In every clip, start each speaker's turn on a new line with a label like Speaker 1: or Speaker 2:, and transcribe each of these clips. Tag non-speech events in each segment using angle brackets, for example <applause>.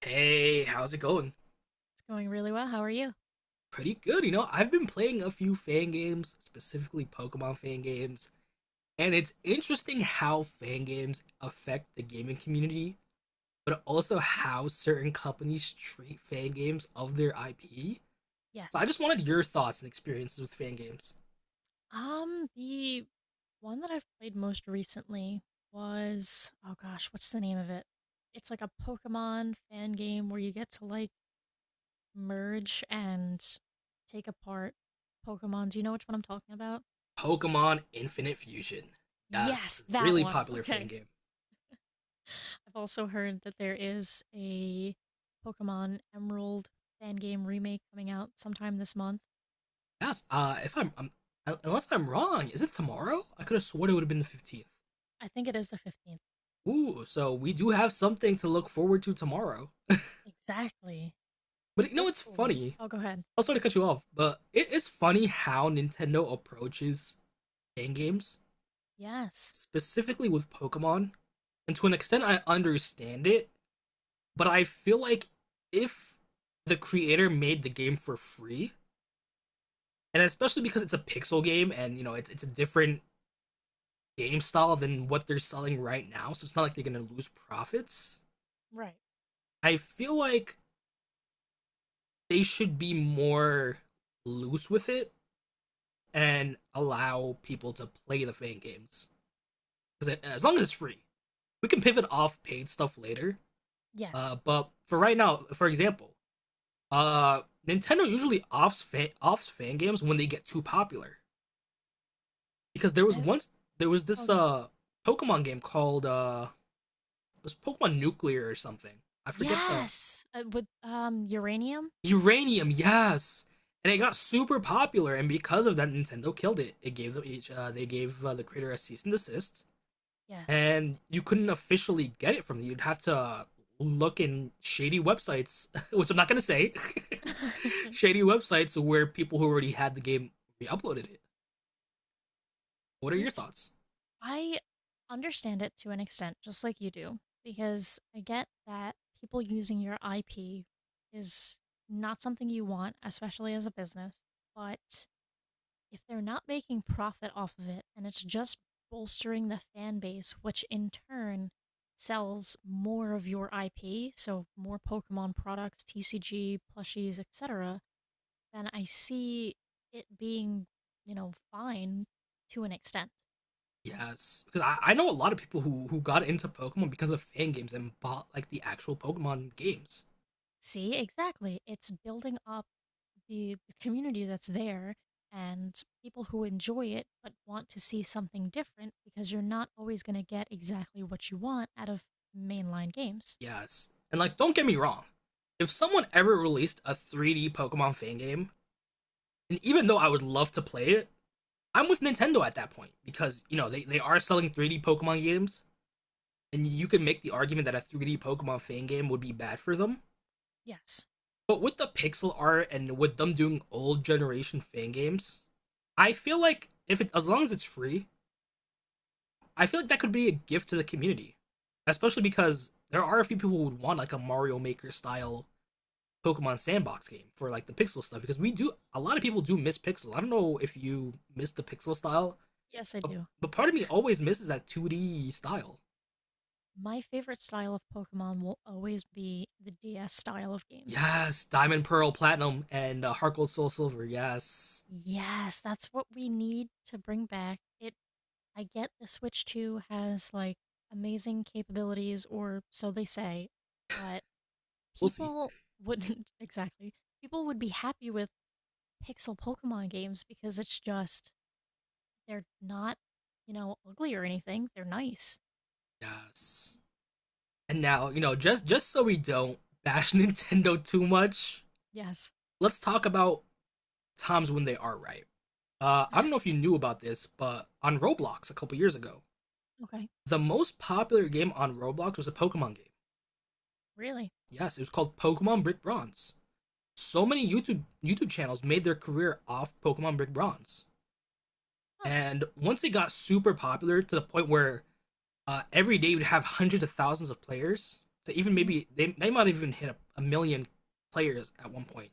Speaker 1: Hey, how's it going?
Speaker 2: It's going really well. How are you?
Speaker 1: Pretty good. I've been playing a few fan games, specifically Pokemon fan games, and it's interesting how fan games affect the gaming community, but also how certain companies treat fan games of their IP. So I
Speaker 2: Yes.
Speaker 1: just wanted your thoughts and experiences with fan games.
Speaker 2: The one that I've played most recently was oh gosh, what's the name of it? It's like a Pokemon fan game where you get to like merge and take apart Pokemon. Do you know which one I'm talking about?
Speaker 1: Pokemon Infinite Fusion. Yes,
Speaker 2: Yes, that
Speaker 1: really
Speaker 2: one.
Speaker 1: popular fan
Speaker 2: Okay.
Speaker 1: game.
Speaker 2: I've also heard that there is a Pokemon Emerald fan game remake coming out sometime this month.
Speaker 1: Yes, if I'm, I'm unless I'm wrong, is it tomorrow? I could have sworn it would have been the 15th.
Speaker 2: I think it is the 15th.
Speaker 1: Ooh, so we do have something to look forward to tomorrow.
Speaker 2: Exactly.
Speaker 1: But you know it's
Speaker 2: Hopefully.
Speaker 1: funny?
Speaker 2: Oh, go ahead.
Speaker 1: I'm sorry to cut you off, but it is funny how Nintendo approaches fan games,
Speaker 2: Yes.
Speaker 1: specifically with Pokemon. And to an extent, I understand it, but I feel like if the creator made the game for free, and especially because it's a pixel game and it's a different game style than what they're selling right now, so it's not like they're gonna lose profits.
Speaker 2: Right.
Speaker 1: I feel like they should be more loose with it and allow people to play the fan games because as long as it's free, we can pivot off paid stuff later.
Speaker 2: Yes.
Speaker 1: But for right now, for example, uh, Nintendo usually offs fan games when they get too popular because
Speaker 2: I
Speaker 1: there was this
Speaker 2: oh good.
Speaker 1: uh Pokemon game called it was Pokemon Nuclear or something. I
Speaker 2: Yeah.
Speaker 1: forget the
Speaker 2: Yes. With uranium?
Speaker 1: Uranium, yes. And it got super popular, and because of that, Nintendo killed it. They gave the creator a cease and desist,
Speaker 2: Yes.
Speaker 1: and you couldn't officially get it from them. You'd have to look in shady websites, <laughs> which I'm not gonna say, <laughs>
Speaker 2: <laughs>
Speaker 1: shady websites where people who already had the game re-uploaded it. What are your
Speaker 2: It's
Speaker 1: thoughts?
Speaker 2: I understand it to an extent just like you do because I get that people using your IP is not something you want, especially as a business, but if they're not making profit off of it and it's just bolstering the fan base, which in turn sells more of your IP, so more Pokemon products, TCG, plushies, etc., then I see it being, you know, fine to an extent.
Speaker 1: Yes, because I know a lot of people who got into Pokemon because of fan games and bought like the actual Pokemon games.
Speaker 2: See, exactly. It's building up the community that's there and people who enjoy it but want to see something different because you're not always going to get exactly what you want out of mainline games.
Speaker 1: Yes. And like, don't get me wrong. If someone ever released a 3D Pokemon fan game, and even though I would love to play it, I'm with Nintendo at that point because, they are selling 3D Pokemon games, and you can make the argument that a 3D Pokemon fan game would be bad for them.
Speaker 2: Yes.
Speaker 1: But with the pixel art and with them doing old generation fan games, I feel like if it, as long as it's free, I feel like that could be a gift to the community. Especially because there are a few people who would want like a Mario Maker style Pokemon sandbox game for like the pixel stuff because we do a lot of people do miss pixel. I don't know if you miss the pixel style,
Speaker 2: Yes, I
Speaker 1: but,
Speaker 2: do.
Speaker 1: part of me always misses that 2D style.
Speaker 2: My favorite style of Pokemon will always be the DS style of games.
Speaker 1: Yes, Diamond, Pearl, Platinum, and Heart Gold, Soul, Silver. Yes,
Speaker 2: Yes, that's what we need to bring back. It I get the Switch 2 has like amazing capabilities or so they say, but
Speaker 1: we'll see.
Speaker 2: people wouldn't <laughs> exactly. People would be happy with pixel Pokemon games because it's just they're not, you know, ugly or anything. They're nice.
Speaker 1: Yes, and now just so we don't bash <laughs> Nintendo too much,
Speaker 2: Yes. <laughs>
Speaker 1: let's talk about times when they are right. I don't know if you knew about this, but on Roblox a couple years ago,
Speaker 2: Okay.
Speaker 1: the most popular game on Roblox was a Pokemon game.
Speaker 2: Really?
Speaker 1: Yes, it was called Pokemon Brick Bronze. So many YouTube channels made their career off Pokemon Brick Bronze,
Speaker 2: Huh.
Speaker 1: and once it got super popular to the point where every day you'd have hundreds of thousands of players. So even
Speaker 2: Hmm.
Speaker 1: maybe they might have even hit a million players at one point.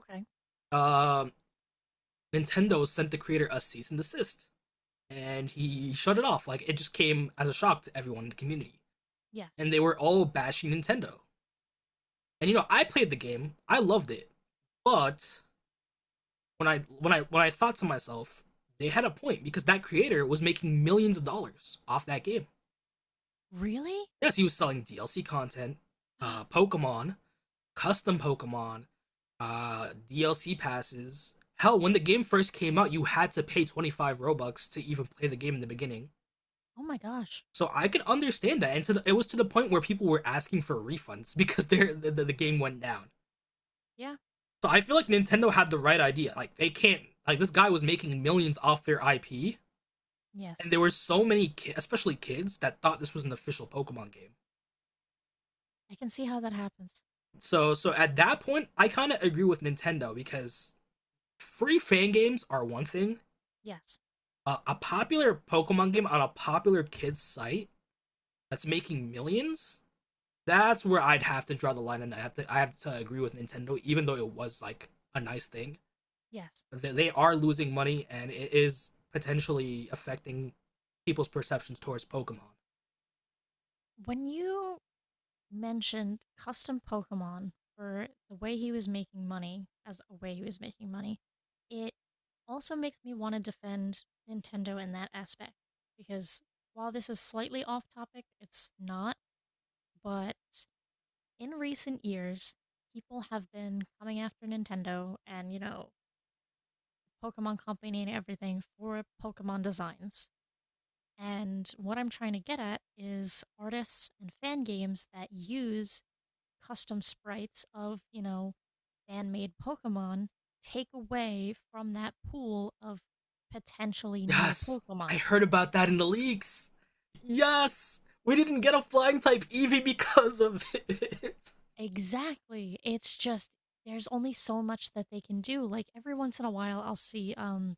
Speaker 2: Okay.
Speaker 1: Um, Nintendo sent the creator a cease and desist, and he shut it off. Like it just came as a shock to everyone in the community,
Speaker 2: Yes.
Speaker 1: and they were all bashing Nintendo. And I played the game, I loved it, but when I thought to myself, they had a point because that creator was making millions of dollars off that game.
Speaker 2: Really?
Speaker 1: Yes, he was selling DLC content,
Speaker 2: <gasps>
Speaker 1: Pokemon, custom Pokemon, DLC passes. Hell, when the game first came out, you had to pay 25 Robux to even play the game in the beginning.
Speaker 2: Oh my gosh.
Speaker 1: So I could understand that, and it was to the point where people were asking for refunds <laughs> because the game went down.
Speaker 2: Yeah.
Speaker 1: So I feel like Nintendo had the right idea. Like they can't like this guy was making millions off their IP
Speaker 2: Yes.
Speaker 1: and there were so many, especially kids, that thought this was an official Pokemon game.
Speaker 2: I can see how that happens.
Speaker 1: So, at that point, I kind of agree with Nintendo because free fan games are one thing.
Speaker 2: Yes.
Speaker 1: A popular Pokemon game on a popular kids site that's making millions, that's where I'd have to draw the line, and I have to agree with Nintendo, even though it was like a nice thing.
Speaker 2: Yes.
Speaker 1: They are losing money, and it is potentially affecting people's perceptions towards Pokemon.
Speaker 2: When you mentioned custom Pokemon for the way he was making money, as a way he was making money, it also makes me want to defend Nintendo in that aspect. Because while this is slightly off topic, it's not. But in recent years, people have been coming after Nintendo and, you know, Pokemon Company and everything for Pokemon designs. And what I'm trying to get at is artists and fan games that use custom sprites of, you know, fan made Pokemon take away from that pool of potentially new
Speaker 1: Yes, I
Speaker 2: Pokemon.
Speaker 1: heard about that in the leaks. Yes, we didn't get a flying type Eevee <laughs> because of it. <laughs>
Speaker 2: Exactly. It's just there's only so much that they can do. Like every once in a while I'll see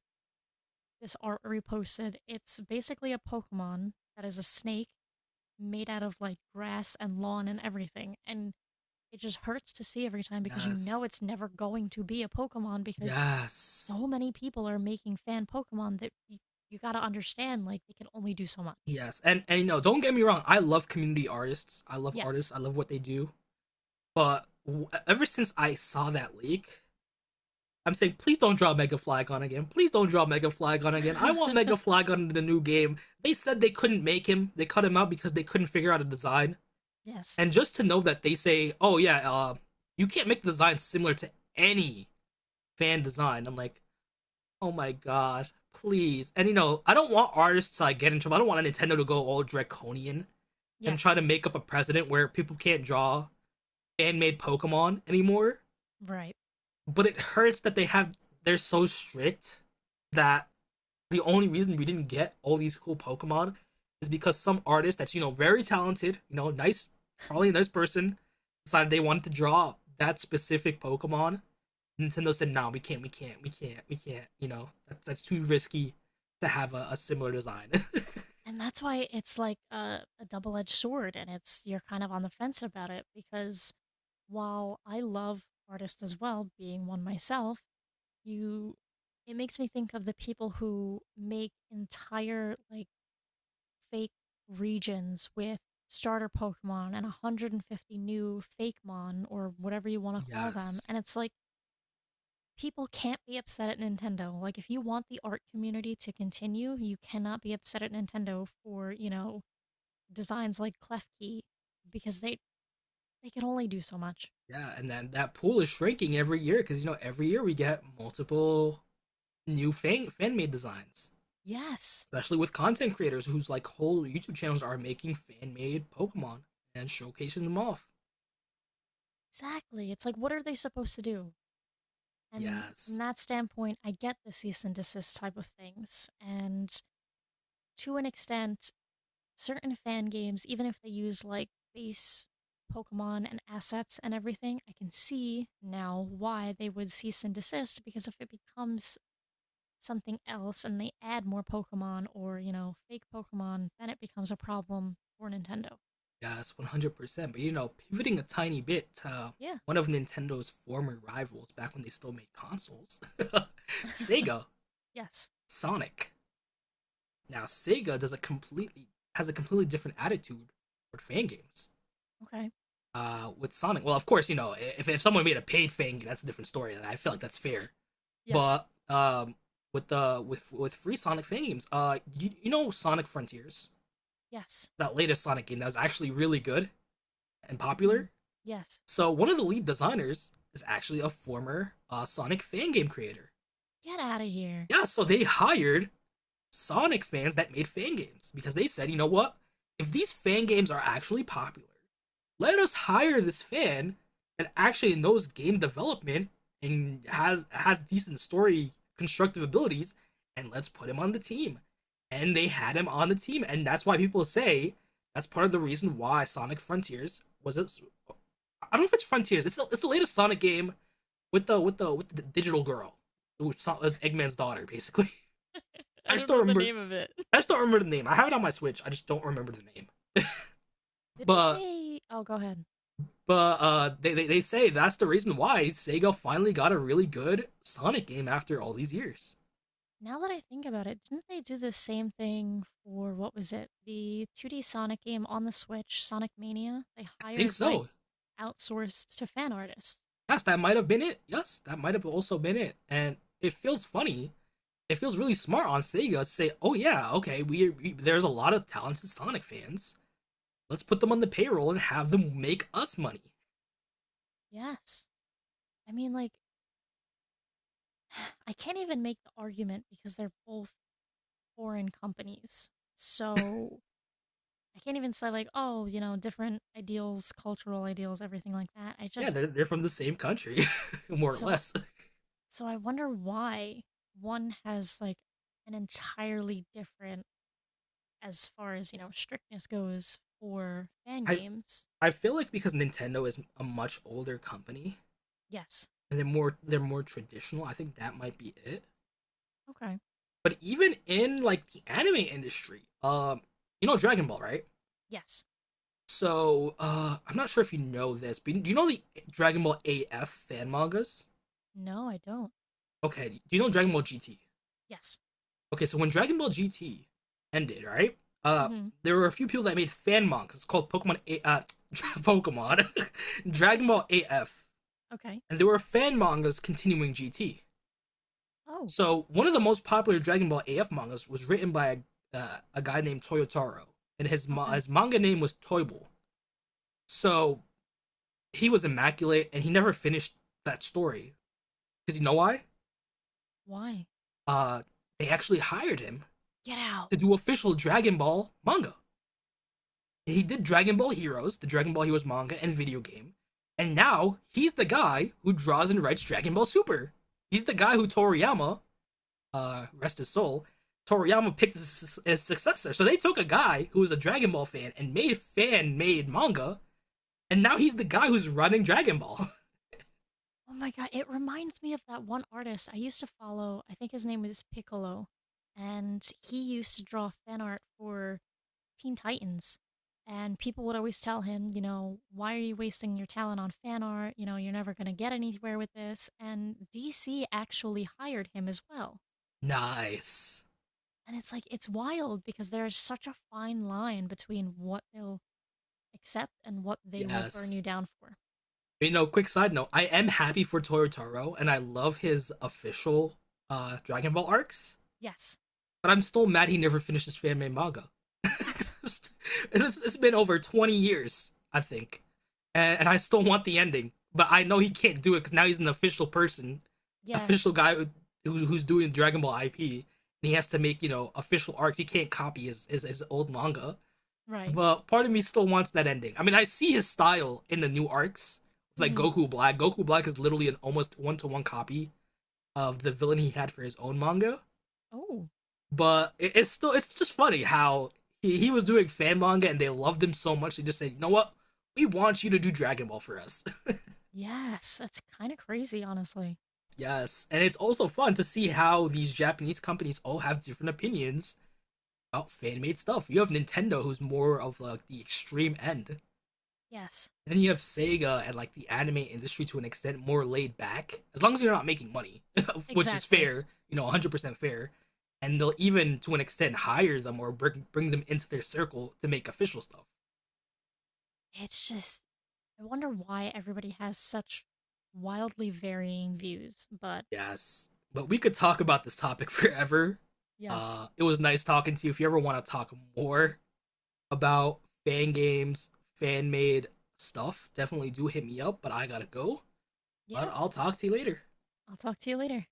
Speaker 2: this art reposted. It's basically a Pokemon that is a snake made out of like grass and lawn and everything. And it just hurts to see every time because you know
Speaker 1: Yes,
Speaker 2: it's never going to be a Pokemon because
Speaker 1: yes,
Speaker 2: so many people are making fan Pokemon that you got to understand like they can only do so much.
Speaker 1: yes. And don't get me wrong. I love community artists. I love artists.
Speaker 2: Yes.
Speaker 1: I love what they do. But ever since I saw that leak, I'm saying please don't draw Mega Flygon again. Please don't draw Mega Flygon again. I want Mega
Speaker 2: <laughs>
Speaker 1: Flygon in the new game. They said they couldn't make him. They cut him out because they couldn't figure out a design.
Speaker 2: Yes.
Speaker 1: And just to know that they say, "Oh yeah, you can't make designs similar to any fan design." I'm like, "Oh my god, please!" And I don't want artists to like, get in trouble. I don't want Nintendo to go all draconian and try
Speaker 2: Yes.
Speaker 1: to make up a precedent where people can't draw fan-made Pokemon anymore.
Speaker 2: Right.
Speaker 1: But it hurts that they're so strict that the only reason we didn't get all these cool Pokemon is because some artist that's very talented, nice, probably a nice person, decided they wanted to draw that specific Pokemon. Nintendo said, "No, we can't, we can't, we can't, we can't. You know, that's too risky to have a similar design." <laughs>
Speaker 2: And that's why it's like a double-edged sword and it's you're kind of on the fence about it because while I love artists as well, being one myself, You it makes me think of the people who make entire, like, fake regions with starter Pokemon and 150 new fake mon or whatever you wanna call them,
Speaker 1: Yes,
Speaker 2: and it's like, people can't be upset at Nintendo. Like, if you want the art community to continue, you cannot be upset at Nintendo for, you know, designs like Klefki because they can only do so much.
Speaker 1: yeah, and then that pool is shrinking every year because every year we get multiple new fan made designs.
Speaker 2: Yes,
Speaker 1: Especially with content creators whose like whole YouTube channels are making fan-made Pokemon and showcasing them off.
Speaker 2: exactly. It's like, what are they supposed to do? And from
Speaker 1: Yes,
Speaker 2: that standpoint, I get the cease and desist type of things. And to an extent, certain fan games, even if they use like base Pokemon and assets and everything, I can see now why they would cease and desist because if it becomes something else and they add more Pokemon or, you know, fake Pokemon, then it becomes a problem for Nintendo.
Speaker 1: yes, 100%. But pivoting a tiny bit to
Speaker 2: Yeah.
Speaker 1: one of Nintendo's former rivals back when they still made consoles, <laughs>
Speaker 2: <laughs>
Speaker 1: Sega
Speaker 2: Yes.
Speaker 1: Sonic. Now, Sega does a completely has a completely different attitude toward fan games.
Speaker 2: Okay.
Speaker 1: With Sonic, well, of course, if someone made a paid fan game, that's a different story, and I feel like that's fair.
Speaker 2: Yes.
Speaker 1: But with the with free Sonic games, you know Sonic Frontiers,
Speaker 2: Yes.
Speaker 1: that latest Sonic game that was actually really good and popular.
Speaker 2: Mhm. Yes.
Speaker 1: So one of the lead designers is actually a former Sonic fan game creator.
Speaker 2: Get out of here.
Speaker 1: Yeah, so they hired Sonic fans that made fan games because they said, you know what? If these fan games are actually popular, let us hire this fan that actually knows game development and has decent story constructive abilities and let's put him on the team. And they had him on the team and that's why people say that's part of the reason why Sonic Frontiers was it, I don't know if it's Frontiers. It's the latest Sonic game with the with the digital girl who is Eggman's daughter basically. <laughs>
Speaker 2: I
Speaker 1: I
Speaker 2: don't
Speaker 1: still
Speaker 2: know the
Speaker 1: remember
Speaker 2: name of it.
Speaker 1: I just don't remember the name. I have it on my Switch. I just don't remember the name.
Speaker 2: Didn't
Speaker 1: But
Speaker 2: they? Oh, go ahead.
Speaker 1: they say that's the reason why Sega finally got a really good Sonic game after all these years.
Speaker 2: Now that I think about it, didn't they do the same thing for what was it? The 2D Sonic game on the Switch, Sonic Mania? They
Speaker 1: I think
Speaker 2: hired like
Speaker 1: so.
Speaker 2: outsourced to fan artists.
Speaker 1: Yes, that might have been it. Yes, that might have also been it. And it feels funny. It feels really smart on Sega to say, "Oh yeah, okay, we there's a lot of talented Sonic fans. Let's put them on the payroll and have them make us money."
Speaker 2: Yes. I mean, like, <sighs> I can't even make the argument because they're both foreign companies. So I can't even say, like, oh, you know, different ideals, cultural ideals, everything like that. I
Speaker 1: Yeah,
Speaker 2: just,
Speaker 1: they're from the same country, <laughs> more or
Speaker 2: so,
Speaker 1: less.
Speaker 2: so I wonder why one has like an entirely different as far as you know strictness goes for fan
Speaker 1: I
Speaker 2: games.
Speaker 1: I feel like because Nintendo is a much older company,
Speaker 2: Yes.
Speaker 1: and they're more traditional. I think that might be it.
Speaker 2: Okay.
Speaker 1: But even in like the anime industry, you know Dragon Ball, right?
Speaker 2: Yes.
Speaker 1: So I'm not sure if you know this, but do you know the Dragon Ball AF fan mangas?
Speaker 2: No, I don't.
Speaker 1: Okay, do you know Dragon Ball GT?
Speaker 2: Yes.
Speaker 1: Okay, so when Dragon Ball GT ended, right? Uh,
Speaker 2: mm-hmm
Speaker 1: there were a few people that made fan mangas called <laughs> Pokemon <laughs> Dragon Ball AF,
Speaker 2: okay.
Speaker 1: and there were fan mangas continuing GT.
Speaker 2: Oh.
Speaker 1: So one of the most popular Dragon Ball AF mangas was written by a guy named Toyotaro, and
Speaker 2: Okay.
Speaker 1: his manga name was Toible. So he was immaculate, and he never finished that story because you know why?
Speaker 2: Why?
Speaker 1: Uh, they actually hired him
Speaker 2: Get out.
Speaker 1: to do official Dragon Ball manga. And he did Dragon Ball Heroes, the Dragon Ball Heroes manga and video game, and now he's the guy who draws and writes Dragon Ball Super. He's the guy who Toriyama, rest his soul, Toriyama picked his successor. So they took a guy who was a Dragon Ball fan and made fan made manga, and now he's the guy who's running Dragon Ball.
Speaker 2: Oh my god, it reminds me of that one artist I used to follow. I think his name was Piccolo and he used to draw fan art for Teen Titans and people would always tell him, you know, why are you wasting your talent on fan art? You know, you're never going to get anywhere with this. And DC actually hired him as well.
Speaker 1: <laughs> Nice.
Speaker 2: And it's like it's wild because there is such a fine line between what they'll accept and what they will burn
Speaker 1: Yes.
Speaker 2: you down for.
Speaker 1: Quick side note, I am happy for Toru Taro, and I love his official Dragon Ball arcs.
Speaker 2: Yes.
Speaker 1: But I'm still mad he never finished his fan-made manga. <laughs> manga.
Speaker 2: <laughs>
Speaker 1: It's been over 20 years, I think, and, I still want the ending, but I know he can't do it because now he's an official person, official
Speaker 2: Yes.
Speaker 1: guy who's doing Dragon Ball IP, and he has to make official arcs. He can't copy his old manga.
Speaker 2: Right.
Speaker 1: But part of me still wants that ending. I mean, I see his style in the new arcs, like
Speaker 2: Hmm.
Speaker 1: Goku Black. Goku Black is literally an almost one to one copy of the villain he had for his own manga.
Speaker 2: Oh,
Speaker 1: But it's just funny how he was doing fan manga and they loved him so much they just said, you know what, we want you to do Dragon Ball for us.
Speaker 2: yes. That's kind of crazy, honestly.
Speaker 1: <laughs> Yes, and it's also fun to see how these Japanese companies all have different opinions about fan made stuff. You have Nintendo, who's more of like the extreme end.
Speaker 2: Yes.
Speaker 1: Then you have Sega and like the anime industry to an extent more laid back, as long as you're not making money, <laughs> which is
Speaker 2: Exactly.
Speaker 1: fair, 100% fair. And they'll even to an extent hire them or bring them into their circle to make official stuff.
Speaker 2: It's just I wonder why everybody has such wildly varying views, but
Speaker 1: Yes. But we could talk about this topic <laughs> forever.
Speaker 2: yes.
Speaker 1: It was nice talking to you. If you ever want to talk more about fan games, fan made stuff, definitely do hit me up. But I gotta go. But
Speaker 2: Yeah.
Speaker 1: I'll talk to you later.
Speaker 2: I'll talk to you later.